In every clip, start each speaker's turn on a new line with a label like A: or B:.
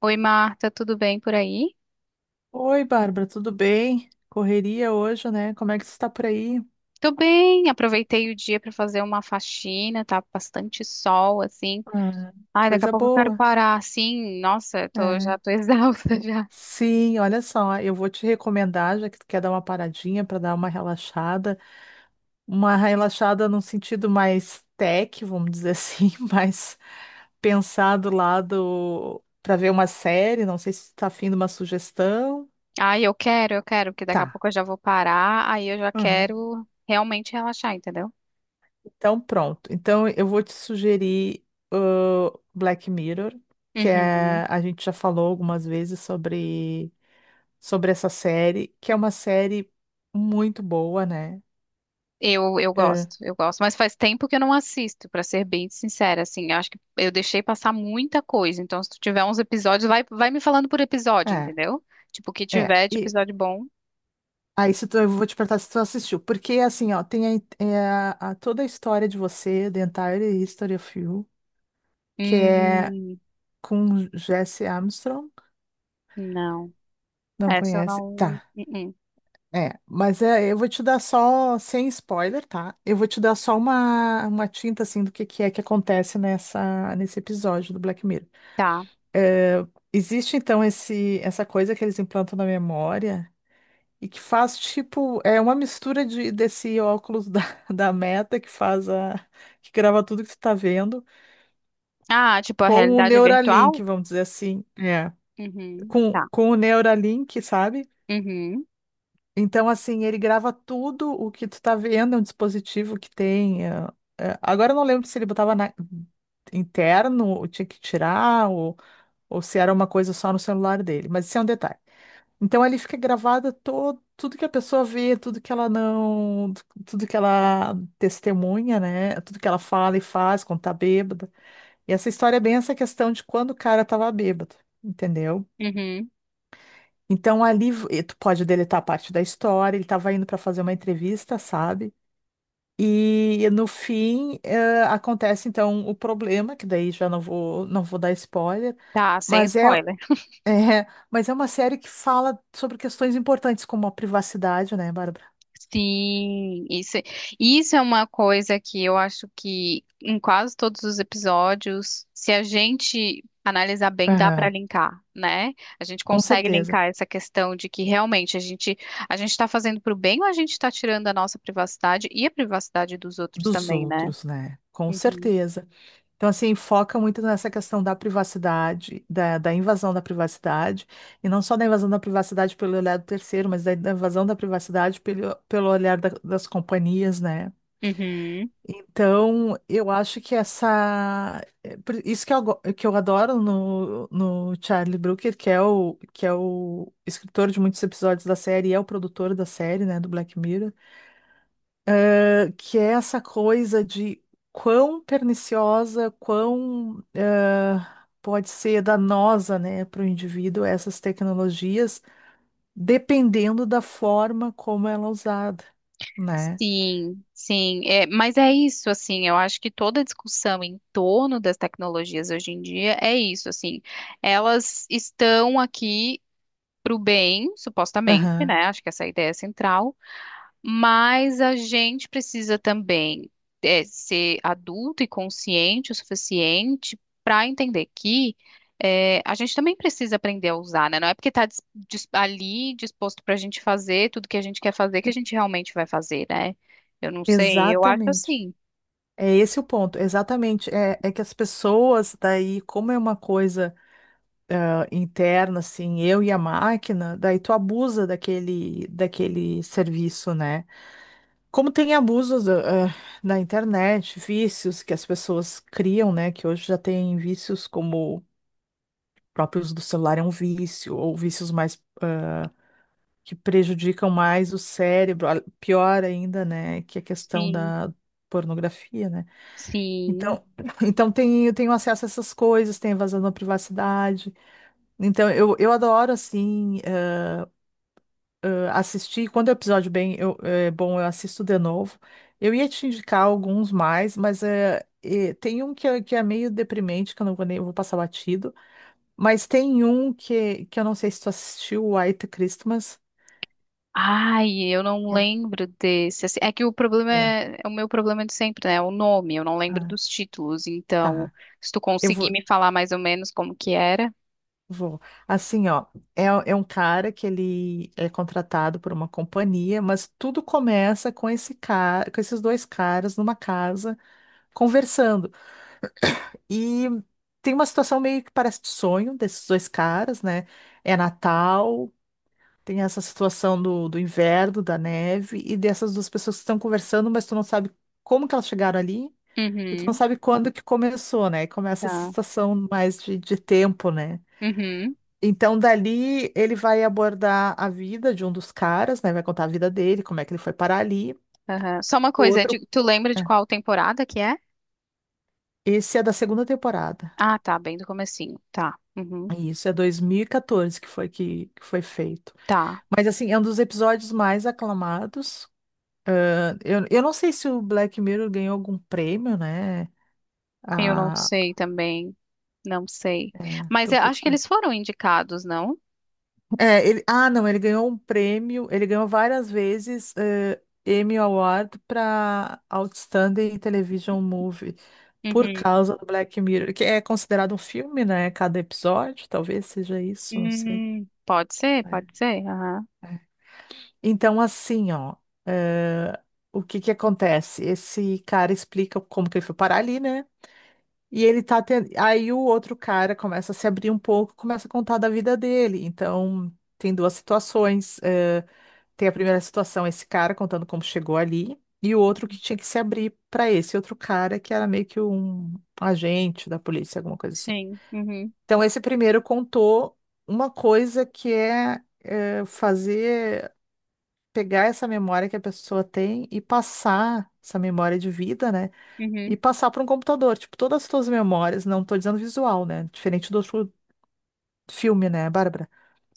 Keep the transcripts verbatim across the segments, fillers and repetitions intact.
A: Oi, Marta, tudo bem por aí?
B: Oi, Bárbara, tudo bem? Correria hoje, né? Como é que você está por aí?
A: Tô bem, aproveitei o dia pra fazer uma faxina, tá bastante sol assim.
B: Ah,
A: Ai, daqui a
B: coisa
A: pouco eu quero
B: boa.
A: parar, assim. Nossa, eu tô,
B: É.
A: já tô exausta já.
B: Sim, olha só, eu vou te recomendar, já que tu quer dar uma paradinha para dar uma relaxada, uma relaxada num sentido mais tech, vamos dizer assim, mais pensar do lado para ver uma série, não sei se tu tá afim de uma sugestão.
A: Ai, eu quero, eu quero, porque daqui
B: Tá.
A: a pouco eu já vou parar, aí eu já
B: Uhum.
A: quero realmente relaxar, entendeu?
B: Então, pronto. Então, eu vou te sugerir o Black Mirror, que
A: Uhum.
B: é, a gente já falou algumas vezes sobre, sobre essa série, que é uma série muito boa, né?
A: Eu, eu
B: É,
A: gosto, eu gosto, mas faz tempo que eu não assisto, pra ser bem sincera, assim, eu acho que eu deixei passar muita coisa, então se tu tiver uns episódios, vai, vai me falando por episódio,
B: é.
A: entendeu? Tipo, o que
B: É.
A: tiver de
B: E
A: episódio bom.
B: aí, se tu, eu vou te perguntar se tu assistiu, porque assim, ó, tem a, in- é a- a- toda a história de você, The Entire History of You, que é
A: Hum,
B: com Jesse Armstrong.
A: não.
B: Não
A: Essa eu
B: conhece?
A: não. uh,
B: Tá.
A: uh.
B: É, mas é, eu vou te dar só, sem spoiler, tá? Eu vou te dar só uma, uma tinta, assim, do que, que é que acontece nessa, nesse episódio do Black Mirror.
A: Tá.
B: É, existe, então, esse, essa coisa que eles implantam na memória e que faz, tipo, é uma mistura de, desse óculos da, da Meta que faz a... que grava tudo que tu tá vendo
A: Ah, tipo a
B: com o
A: realidade virtual?
B: Neuralink, vamos dizer assim. É.
A: Uhum.
B: Com,
A: Tá.
B: com o Neuralink, sabe?
A: Uhum.
B: Então, assim, ele grava tudo o que tu tá vendo, é um dispositivo que tem. eh, eh, agora eu não lembro se ele botava na- interno, ou tinha que tirar, ou, ou se era uma coisa só no celular dele, mas isso é um detalhe. Então ali fica gravada todo, tudo que a pessoa vê, tudo que ela não, tudo que ela testemunha, né? Tudo que ela fala e faz quando tá bêbada. E essa história é bem essa questão de quando o cara tava bêbado, entendeu?
A: Uhum.
B: Então ali v- tu pode deletar parte da história, ele estava indo para fazer uma entrevista, sabe? E no fim eh, acontece então o problema, que daí já não vou não vou dar spoiler,
A: Tá, sem
B: mas é,
A: spoiler.
B: é, mas é uma série que fala sobre questões importantes como a privacidade, né, Bárbara?
A: Sim, isso, é, isso é uma coisa que eu acho que em quase todos os episódios, se a gente analisar bem, dá para
B: Aham.
A: linkar, né? A gente
B: Com
A: consegue
B: certeza.
A: linkar essa questão de que realmente a gente a gente está fazendo para o bem ou a gente está tirando a nossa privacidade e a privacidade dos outros
B: Dos
A: também, né?
B: outros, né? Com
A: Uhum.
B: certeza. Então, assim, foca muito nessa questão da privacidade, da, da invasão da privacidade, e não só da invasão da privacidade pelo olhar do terceiro, mas da, da invasão da privacidade pelo, pelo olhar da- das companhias, né?
A: Uhum.
B: Então, eu acho que essa. É por isso que eu, go- que eu adoro no, no Charlie Brooker, que é o, que é o escritor de muitos episódios da série e é o produtor da série, né, do Black Mirror, que é essa coisa de quão perniciosa, quão ah, pode ser danosa, né, para o indivíduo essas tecnologias, dependendo da forma como ela é usada, né?
A: Sim, sim. É, mas é isso, assim, eu acho que toda a discussão em torno das tecnologias hoje em dia é isso, assim. Elas estão aqui para o bem, supostamente,
B: Aham.
A: né? Acho que essa é a ideia central. Mas a gente precisa também é, ser adulto e consciente o suficiente para entender que é, a gente também precisa aprender a usar, né? Não é porque está ali disposto para a gente fazer tudo que a gente quer fazer que a
B: Que-
A: gente realmente vai fazer, né? Eu não sei, eu acho
B: Exatamente.
A: assim.
B: É esse o ponto, exatamente. É, é que as pessoas, daí, como é uma coisa ah, interna, assim, eu e a máquina, daí tu abusa daquele, daquele serviço, né? Como tem abusos eh, na internet, vícios que as pessoas criam, né? Que hoje já tem vícios como próprios do celular é um vício, ou vícios mais que prejudicam mais o cérebro, a- pior ainda, né? Que a questão
A: Sim,
B: da pornografia, né?
A: sim.
B: Então, então tem, eu tenho acesso a essas coisas, tem invasão na privacidade. Então, eu, eu adoro, assim. Assisti, quando o episódio bem, eu- é bom, eu assisto de novo. Eu ia te indicar alguns mais, mas é, é, tem um que é, que é meio deprimente, que eu não vou nem eu vou passar batido. Mas tem um que, que eu não sei se tu assistiu, o White Christmas.
A: Ai, eu não
B: É.
A: lembro desse. Assim, é que o problema
B: É,
A: é, é o meu problema de sempre, né? É o nome, eu não lembro
B: ah,
A: dos títulos. Então,
B: tá.
A: se tu
B: Eu
A: conseguir
B: vou,
A: me falar mais ou menos como que era.
B: vou. Assim, ó, é, é um cara que ele é contratado por uma companhia, mas tudo começa com esse cara, com esses dois caras numa casa conversando. E tem uma situação meio que parece de sonho desses dois caras, né? É Natal, tem essa situação do, do inverno, da neve, e dessas duas pessoas que estão conversando, mas tu não sabe como que elas chegaram ali, e tu não
A: Uhum,
B: sabe quando que começou, né? E começa essa
A: tá.
B: situação mais de, de tempo, né?
A: Uhum,
B: Então, dali, ele vai abordar a vida de um dos caras, né? Vai contar a vida dele, como é que ele foi parar ali.
A: aham. Só uma
B: O
A: coisa, é
B: outro,
A: de- tu lembra de
B: é.
A: qual temporada que é?
B: Esse é da segunda temporada.
A: Ah, tá, bem do comecinho. Tá. Uhum,
B: Isso, é dois mil e quatorze que foi que, que foi feito.
A: tá.
B: Mas assim, é um dos episódios mais aclamados. Ah, Eu, eu não sei se o Black Mirror ganhou algum prêmio, né?
A: Eu não
B: Ah,
A: sei também. Não sei. Mas
B: tô
A: eu
B: por
A: acho que eles
B: fora.
A: foram indicados, não?
B: É, ele, ah, não, ele ganhou um prêmio, ele ganhou várias vezes eh, Emmy Award para Outstanding Television Movie por
A: Uhum.
B: causa do Black Mirror, que é considerado um filme, né? Cada episódio, talvez seja isso, não sei.
A: Hum, pode ser,
B: É,
A: pode ser. Aham.
B: é. Então, assim, ó, eh, o que que acontece? Esse cara explica como que ele foi parar ali, né? E ele tá tendo. Aí o outro cara começa a se abrir um pouco, começa a contar da vida dele. Então, tem duas situações. Eh, tem a primeira situação, esse cara contando como chegou ali, e o outro que tinha que se abrir para esse outro cara, que era meio que um agente da polícia, alguma coisa assim.
A: Sim. Uhum.
B: Então, esse primeiro contou uma coisa que é, eh, fazer. Pegar essa memória que a pessoa tem e passar essa memória de vida, né? E
A: Uhum.
B: passar para um computador. Tipo, todas as tuas memórias, não tô dizendo visual, né? Diferente do outro filme, né, Bárbara?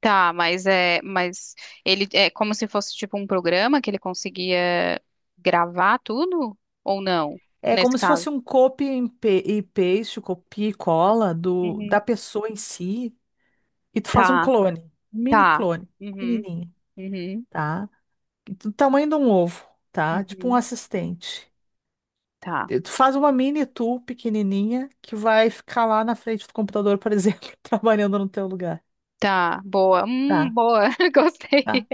A: Tá, mas é, mas ele é como se fosse tipo um programa que ele conseguia gravar tudo ou não,
B: É
A: nesse
B: como se
A: caso?
B: fosse um copy and pe- e paste, copia e cola do, da
A: Uhum.
B: pessoa em si, e tu faz um
A: Tá,
B: clone, um mini
A: tá.
B: clone,
A: Uhum,
B: pequenininho,
A: uhum,
B: tá? Do tamanho de um ovo, tá? Tipo um
A: uhum.
B: assistente.
A: Tá,
B: E tu faz uma mini tu pequenininha que vai ficar lá na frente do computador, por exemplo, trabalhando no teu lugar.
A: tá. Boa. Hum,
B: Tá?
A: boa. Gostei.
B: Tá?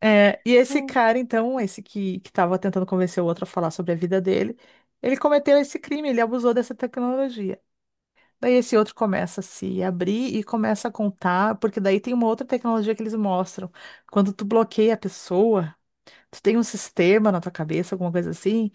B: É, e esse
A: Hum.
B: cara, então, esse que, que tava tentando convencer o outro a falar sobre a vida dele, ele cometeu esse crime, ele abusou dessa tecnologia. Daí esse outro começa a se abrir e começa a contar, porque daí tem uma outra tecnologia que eles mostram. Quando tu bloqueia a pessoa, tu tem um sistema na tua cabeça, alguma coisa assim,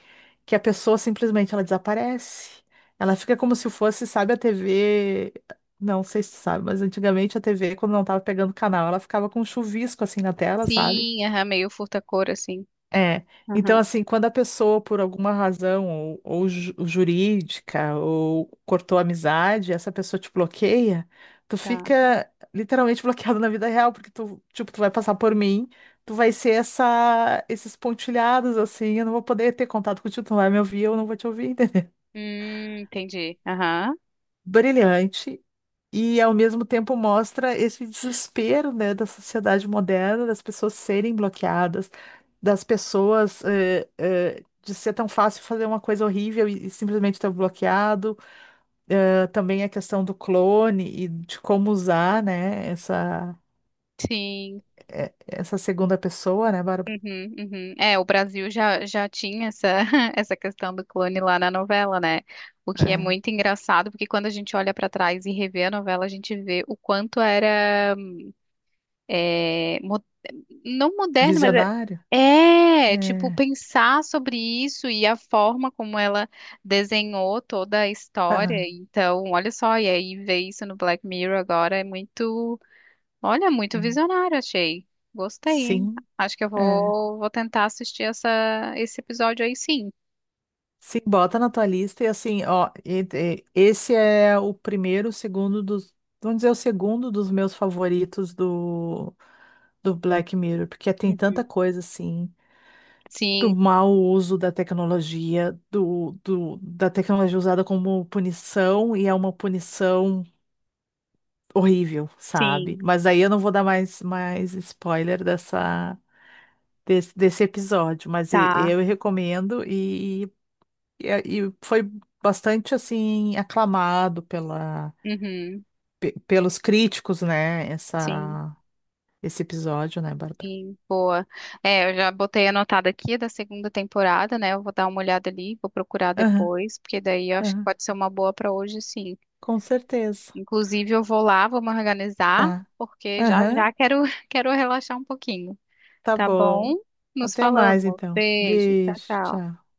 B: que a pessoa simplesmente ela desaparece. Ela fica como se fosse, sabe, a tê vê. Não sei se tu sabe, mas antigamente a tê vê, quando não tava pegando canal, ela ficava com um chuvisco assim na tela, sabe?
A: Sim, aham, meio furta-cor assim.
B: É, então
A: Aham,
B: assim, quando a pessoa, por alguma razão, ou, ou ju- jurídica, ou cortou a amizade, essa pessoa te bloqueia, tu
A: tá.
B: fica literalmente bloqueado na vida real, porque tu, tipo, tu vai passar por mim, tu vai ser essa, esses pontilhados, assim, eu não vou poder ter contato contigo, tu não vai me ouvir, eu não vou te ouvir, entendeu?
A: Hum, entendi. Aham.
B: Brilhante e ao mesmo tempo mostra esse desespero, né, da sociedade moderna, das pessoas serem bloqueadas, das pessoas eh, eh, de ser tão fácil fazer uma coisa horrível e, e simplesmente estar bloqueado. Eh, também a questão do clone e de como usar, né, essa,
A: Sim.
B: eh, essa segunda pessoa, né, Bárbara?
A: Uhum, uhum. É, o Brasil já, já tinha essa, essa questão do clone lá na novela, né? O que é
B: É,
A: muito engraçado, porque quando a gente olha pra trás e revê a novela, a gente vê o quanto era, é, mo- não moderno, mas
B: visionário.
A: é, é, tipo,
B: É,
A: pensar sobre isso e a forma como ela desenhou toda a história.
B: aham,
A: Então, olha só, e aí ver isso no Black Mirror agora é muito. Olha, muito
B: é,
A: visionário, achei. Gostei, hein?
B: sim.
A: Acho que eu
B: É.
A: vou, vou tentar assistir essa, esse episódio aí, sim.
B: Sim, bota na tua lista e assim, ó, e- e- esse é o primeiro, o segundo dos, vamos dizer, o segundo dos meus favoritos do, do Black Mirror, porque tem tanta
A: Uhum.
B: coisa assim, do
A: Sim,
B: mau uso da tecnologia, do, do, da tecnologia usada como punição, e é uma punição horrível, sabe?
A: sim,
B: Mas aí eu não vou dar mais, mais spoiler dessa, desse, desse episódio, mas e-
A: tá.
B: eu recomendo. E, a- e foi bastante assim aclamado pela,
A: Uhum.
B: pe- pelos críticos, né?
A: Sim,
B: Essa, esse episódio, né, Bárbara?
A: sim, boa. É, eu já botei anotado aqui da segunda temporada, né? Eu vou dar uma olhada ali, vou procurar
B: Aham,
A: depois, porque daí eu acho que
B: aham,
A: pode ser uma boa pra hoje, sim.
B: com certeza.
A: Inclusive, eu vou lá, vou me organizar,
B: Tá.
A: porque já
B: Aham,
A: já quero, quero relaxar um pouquinho.
B: tá
A: Tá
B: bom.
A: bom? Nos
B: Até mais
A: falamos.
B: então.
A: Beijo, tchau,
B: Beijo,
A: tchau.
B: tchau.